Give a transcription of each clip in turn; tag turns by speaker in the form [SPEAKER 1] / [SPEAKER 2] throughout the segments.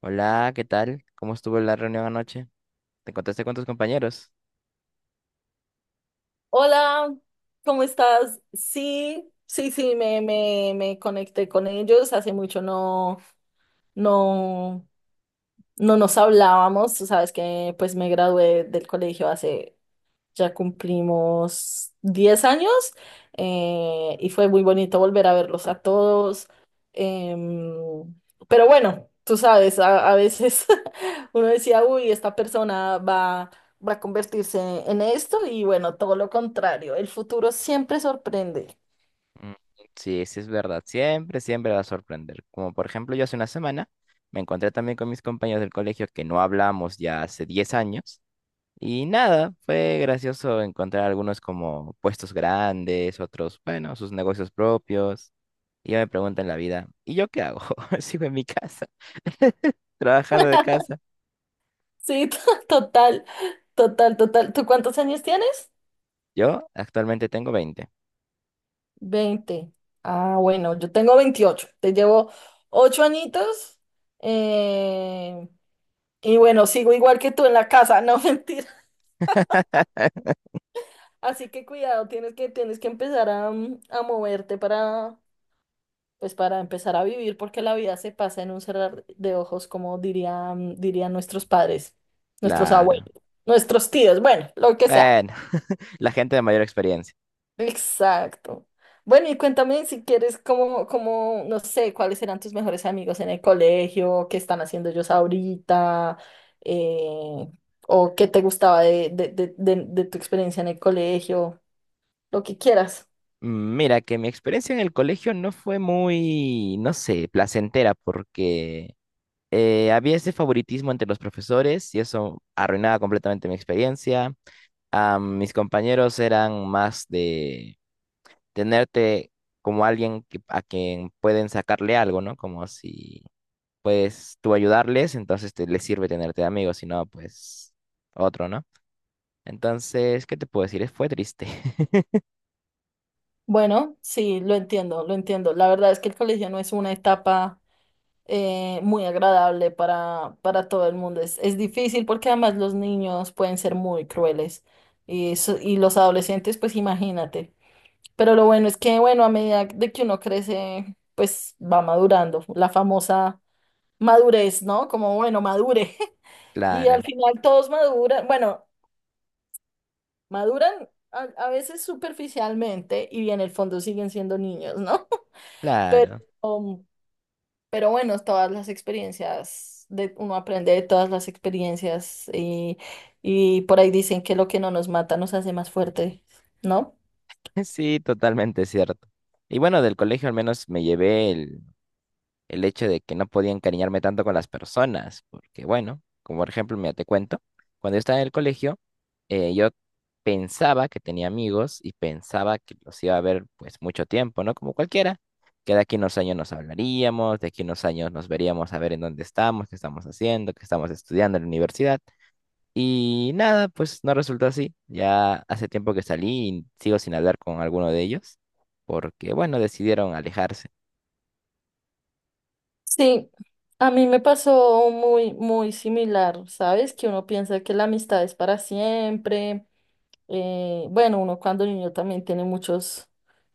[SPEAKER 1] Hola, ¿qué tal? ¿Cómo estuvo la reunión anoche? ¿Te encontraste con tus compañeros?
[SPEAKER 2] Hola, ¿cómo estás? Sí, sí, sí, me conecté con ellos. Hace mucho no, no nos hablábamos. Tú sabes que pues me gradué del colegio hace, ya cumplimos 10 años y fue muy bonito volver a verlos a todos. Em, pero bueno, tú sabes, a veces uno decía, uy, esta persona va a convertirse en esto y bueno, todo lo contrario, el futuro siempre sorprende.
[SPEAKER 1] Mm, sí, sí es verdad. Siempre va a sorprender. Como por ejemplo, yo hace una semana me encontré también con mis compañeros del colegio que no hablamos ya hace 10 años. Y nada, fue gracioso encontrar algunos como puestos grandes, otros, bueno, sus negocios propios. Y yo me pregunto en la vida, ¿y yo qué hago? Sigo en mi casa, trabajando de casa.
[SPEAKER 2] Sí, total, total, total. ¿Tú cuántos años tienes?
[SPEAKER 1] Yo actualmente tengo 20.
[SPEAKER 2] 20. Ah, bueno, yo tengo 28. Te llevo 8 añitos. eh, y bueno, sigo igual que tú en la casa, no mentir. Así que cuidado, tienes que empezar a, a moverte para, pues para empezar a vivir, porque la vida se pasa en un cerrar de ojos, como dirían nuestros padres, nuestros abuelos,
[SPEAKER 1] Claro.
[SPEAKER 2] nuestros tíos, bueno, lo que sea.
[SPEAKER 1] Bueno, la gente de mayor experiencia.
[SPEAKER 2] Exacto. Bueno, y cuéntame si quieres, como, no sé, cuáles eran tus mejores amigos en el colegio, qué están haciendo ellos ahorita, eh, o qué te gustaba de tu experiencia en el colegio, lo que quieras.
[SPEAKER 1] Mm, mira, que mi experiencia en el colegio no fue muy, no sé, placentera porque había ese favoritismo entre los profesores y eso arruinaba completamente mi experiencia. Ah, mis compañeros eran más de tenerte como alguien a quien pueden sacarle algo, ¿no? Como si puedes tú ayudarles, entonces te, les sirve tenerte de amigo, si no, pues otro, ¿no? Entonces, ¿qué te puedo decir? Fue triste.
[SPEAKER 2] Bueno, sí, lo entiendo, lo entiendo. La verdad es que el colegio no es una etapa muy agradable para todo el mundo. Es difícil porque además los niños pueden ser muy crueles y, y los adolescentes, pues imagínate. Pero lo bueno es que, bueno, a medida de que uno crece, pues va madurando. La famosa madurez, ¿no? Como, bueno, madure. Y al
[SPEAKER 1] Claro.
[SPEAKER 2] final todos maduran, bueno, maduran a veces superficialmente y en el fondo siguen siendo niños, ¿no? Pero,
[SPEAKER 1] Claro,
[SPEAKER 2] um, pero bueno, todas las experiencias, de, uno aprende de todas las experiencias y por ahí dicen que lo que no nos mata nos hace más fuerte, ¿no?
[SPEAKER 1] sí, totalmente cierto. Y bueno, del colegio al menos me llevé el hecho de que no podía encariñarme tanto con las personas, porque bueno, como por ejemplo, mira, te cuento, cuando yo estaba en el colegio, yo pensaba que tenía amigos y pensaba que los iba a ver pues mucho tiempo, ¿no? Como cualquiera, que de aquí a unos años nos hablaríamos, de aquí a unos años nos veríamos a ver en dónde estamos, qué estamos haciendo, qué estamos estudiando en la universidad. Y nada, pues no resultó así. Ya hace tiempo que salí y sigo sin hablar con alguno de ellos, porque bueno, decidieron alejarse.
[SPEAKER 2] Sí, a mí me pasó muy, muy similar, ¿sabes? Que uno piensa que la amistad es para siempre. Bueno, uno cuando niño también tiene muchos,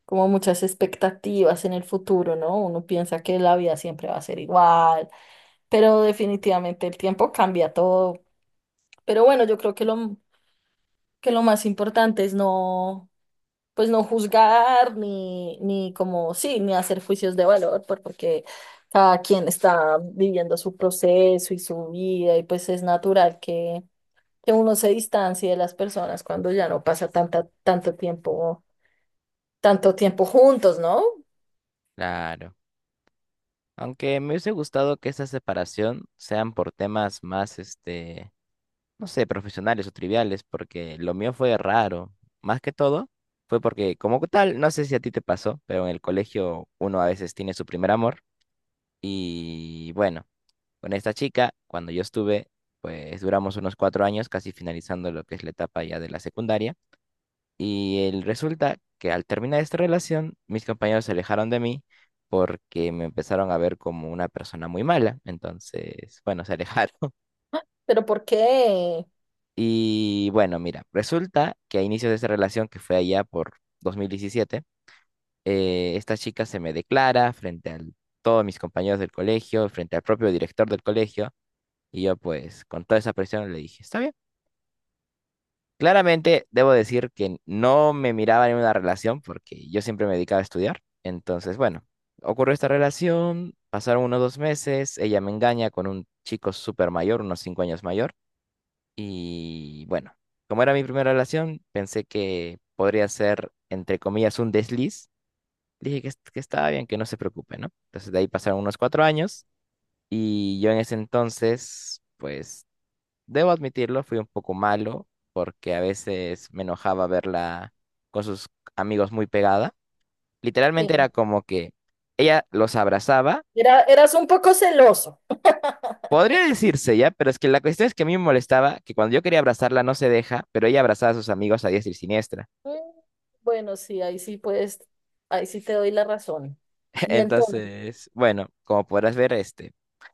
[SPEAKER 2] como muchas expectativas en el futuro, ¿no? Uno piensa que la vida siempre va a ser igual, pero definitivamente el tiempo cambia todo. Pero bueno, yo creo que lo más importante es no, pues no juzgar ni como, sí, ni hacer juicios de valor, porque cada quien está viviendo su proceso y su vida y pues es natural que uno se distancie de las personas cuando ya no pasa tanto tiempo juntos, ¿no?
[SPEAKER 1] Claro. Aunque me hubiese gustado que esa separación sean por temas más, este, no sé, profesionales o triviales, porque lo mío fue raro. Más que todo, fue porque como tal, no sé si a ti te pasó, pero en el colegio uno a veces tiene su primer amor y bueno. Con esta chica, cuando yo estuve, pues duramos unos 4 años, casi finalizando lo que es la etapa ya de la secundaria. Y el resulta que al terminar esta relación, mis compañeros se alejaron de mí porque me empezaron a ver como una persona muy mala. Entonces, bueno, se alejaron.
[SPEAKER 2] Pero ¿por qué?
[SPEAKER 1] Y bueno, mira, resulta que a inicios de esa relación, que fue allá por 2017, esta chica se me declara frente a todos mis compañeros del colegio, frente al propio director del colegio. Y yo pues con toda esa presión le dije, está bien. Claramente debo decir que no me miraba en una relación porque yo siempre me dedicaba a estudiar. Entonces, bueno, ocurrió esta relación, pasaron unos 2 meses, ella me engaña con un chico súper mayor, unos 5 años mayor. Y bueno, como era mi primera relación, pensé que podría ser, entre comillas, un desliz. Dije que estaba bien, que no se preocupe, ¿no? Entonces de ahí pasaron unos 4 años y yo en ese entonces, pues debo admitirlo, fui un poco malo porque a veces me enojaba verla con sus amigos muy pegada.
[SPEAKER 2] Sí.
[SPEAKER 1] Literalmente era como que ella los abrazaba,
[SPEAKER 2] Era, eras un poco celoso.
[SPEAKER 1] podría decirse ya, pero es que la cuestión es que a mí me molestaba que cuando yo quería abrazarla no se deja, pero ella abrazaba a sus amigos a diestra y siniestra.
[SPEAKER 2] Mm, Bueno, sí, ahí sí puedes, ahí sí te doy la razón. Y entonces,
[SPEAKER 1] Entonces, bueno, como podrás ver, este,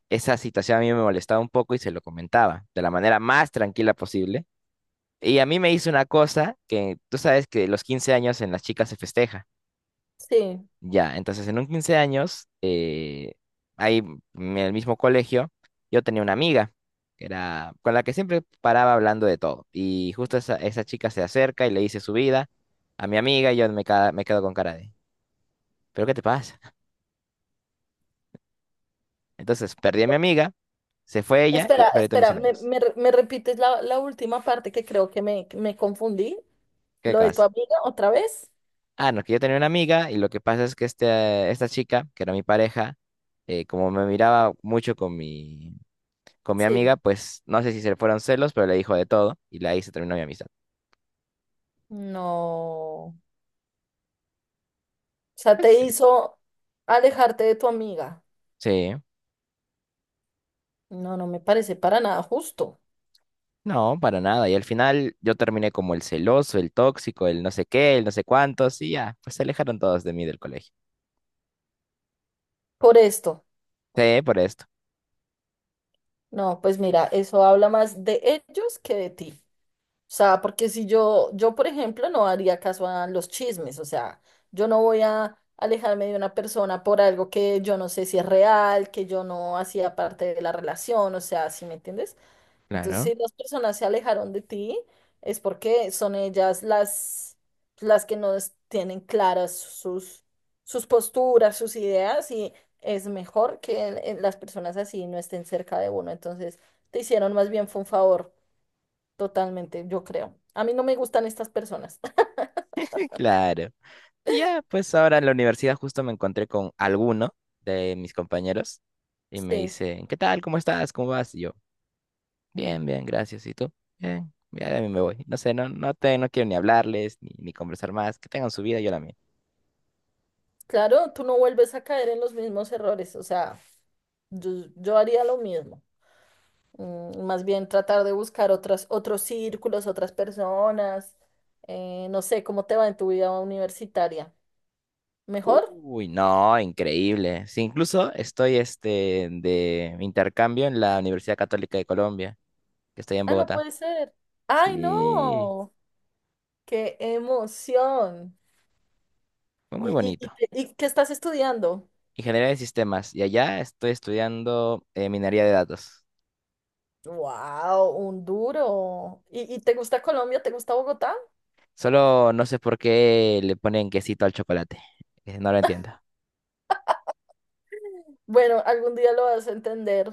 [SPEAKER 1] esa situación a mí me molestaba un poco y se lo comentaba de la manera más tranquila posible. Y a mí me hizo una cosa que tú sabes que los 15 años en las chicas se festeja.
[SPEAKER 2] sí.
[SPEAKER 1] Ya, entonces en un 15 años, ahí en el mismo colegio, yo tenía una amiga que era, con la que siempre paraba hablando de todo. Y justo esa chica se acerca y le dice su vida a mi amiga y yo me quedo con cara de, ¿pero qué te pasa? Entonces perdí a mi amiga, se fue ella y
[SPEAKER 2] Espera,
[SPEAKER 1] perdí a todos mis
[SPEAKER 2] espera,
[SPEAKER 1] amigos.
[SPEAKER 2] me me repites la última parte que creo me confundí?
[SPEAKER 1] ¿Qué
[SPEAKER 2] ¿Lo de tu
[SPEAKER 1] cosa?
[SPEAKER 2] amiga otra vez?
[SPEAKER 1] Ah, no, que yo tenía una amiga y lo que pasa es que este, esta chica, que era mi pareja, como me miraba mucho con mi, con mi
[SPEAKER 2] Sí.
[SPEAKER 1] amiga, pues no sé si se le fueron celos, pero le dijo de todo y ahí se terminó mi amistad.
[SPEAKER 2] No. O sea,
[SPEAKER 1] Pues
[SPEAKER 2] te
[SPEAKER 1] sí.
[SPEAKER 2] hizo alejarte de tu amiga.
[SPEAKER 1] Sí,
[SPEAKER 2] No, no me parece para nada justo.
[SPEAKER 1] no, para nada. Y al final yo terminé como el celoso, el tóxico, el no sé qué, el no sé cuántos y ya, pues se alejaron todos de mí del colegio.
[SPEAKER 2] Por esto.
[SPEAKER 1] Sí, por esto.
[SPEAKER 2] No, pues mira, eso habla más de ellos que de ti. O sea, porque si yo, por ejemplo, no haría caso a los chismes, o sea, yo no voy a alejarme de una persona por algo que yo no sé si es real, que yo no hacía parte de la relación, o sea, ¿sí me entiendes? Entonces,
[SPEAKER 1] Claro.
[SPEAKER 2] si las personas se alejaron de ti, es porque son ellas las que no es- tienen claras sus, sus posturas, sus ideas, y es mejor que las personas así no estén cerca de uno. Entonces, te hicieron más bien fue un favor. Totalmente, yo creo. A mí no me gustan estas personas.
[SPEAKER 1] Claro. Y ya, pues ahora en la universidad justo me encontré con alguno de mis compañeros y me
[SPEAKER 2] Sí,
[SPEAKER 1] dice, ¿qué tal? ¿Cómo estás? ¿Cómo vas? Y yo, bien, bien, gracias. ¿Y tú? Bien, ya de mí me voy. No sé, no quiero ni hablarles ni conversar más. Que tengan su vida, yo la mía.
[SPEAKER 2] claro, tú no vuelves a caer en los mismos errores, o sea, yo, yo haría lo mismo. Más bien tratar de buscar otras, otros círculos, otras personas. No sé, ¿cómo te va en tu vida universitaria? ¿Mejor?
[SPEAKER 1] Uy, no, increíble. Sí, incluso estoy este, de intercambio en la Universidad Católica de Colombia, que está allá en
[SPEAKER 2] Ah, no
[SPEAKER 1] Bogotá.
[SPEAKER 2] puede ser. ¡Ay,
[SPEAKER 1] Sí,
[SPEAKER 2] no! ¡Qué emoción!
[SPEAKER 1] fue muy
[SPEAKER 2] Y,
[SPEAKER 1] bonito.
[SPEAKER 2] y qué estás estudiando?
[SPEAKER 1] Ingeniería de sistemas. Y allá estoy estudiando minería de datos.
[SPEAKER 2] ¡Wow! Un duro. Y te gusta Colombia? ¿Te gusta Bogotá?
[SPEAKER 1] Solo no sé por qué le ponen quesito al chocolate. No lo entiendo.
[SPEAKER 2] Bueno, algún día lo vas a entender.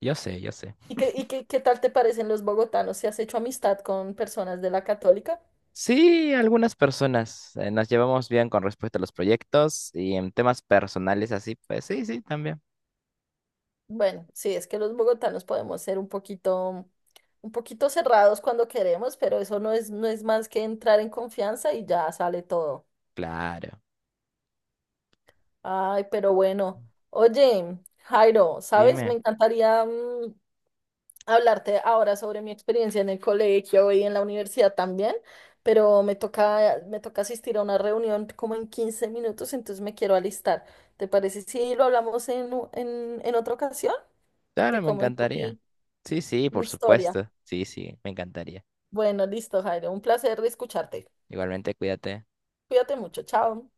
[SPEAKER 1] Yo sé, yo sé.
[SPEAKER 2] Y qué, qué tal te parecen los bogotanos? ¿Si has hecho amistad con personas de la Católica?
[SPEAKER 1] Sí, algunas personas nos llevamos bien con respecto a los proyectos y en temas personales así, pues sí, sí, también.
[SPEAKER 2] Bueno, sí, es que los bogotanos podemos ser un poquito cerrados cuando queremos, pero eso no es, no es más que entrar en confianza y ya sale todo.
[SPEAKER 1] Claro.
[SPEAKER 2] Ay, pero bueno. Oye, Jairo, ¿sabes? Me
[SPEAKER 1] Dime.
[SPEAKER 2] encantaría, hablarte ahora sobre mi experiencia en el colegio y en la universidad también, pero me toca asistir a una reunión como en 15 minutos, entonces me quiero alistar. ¿Te parece si lo hablamos en, en otra ocasión?
[SPEAKER 1] Claro,
[SPEAKER 2] Te
[SPEAKER 1] me
[SPEAKER 2] comento
[SPEAKER 1] encantaría.
[SPEAKER 2] mi,
[SPEAKER 1] Sí, sí,
[SPEAKER 2] mi
[SPEAKER 1] por
[SPEAKER 2] historia.
[SPEAKER 1] supuesto. Sí, sí, me encantaría.
[SPEAKER 2] Bueno, listo, Jairo. Un placer escucharte.
[SPEAKER 1] Igualmente, cuídate.
[SPEAKER 2] Cuídate mucho. Chao.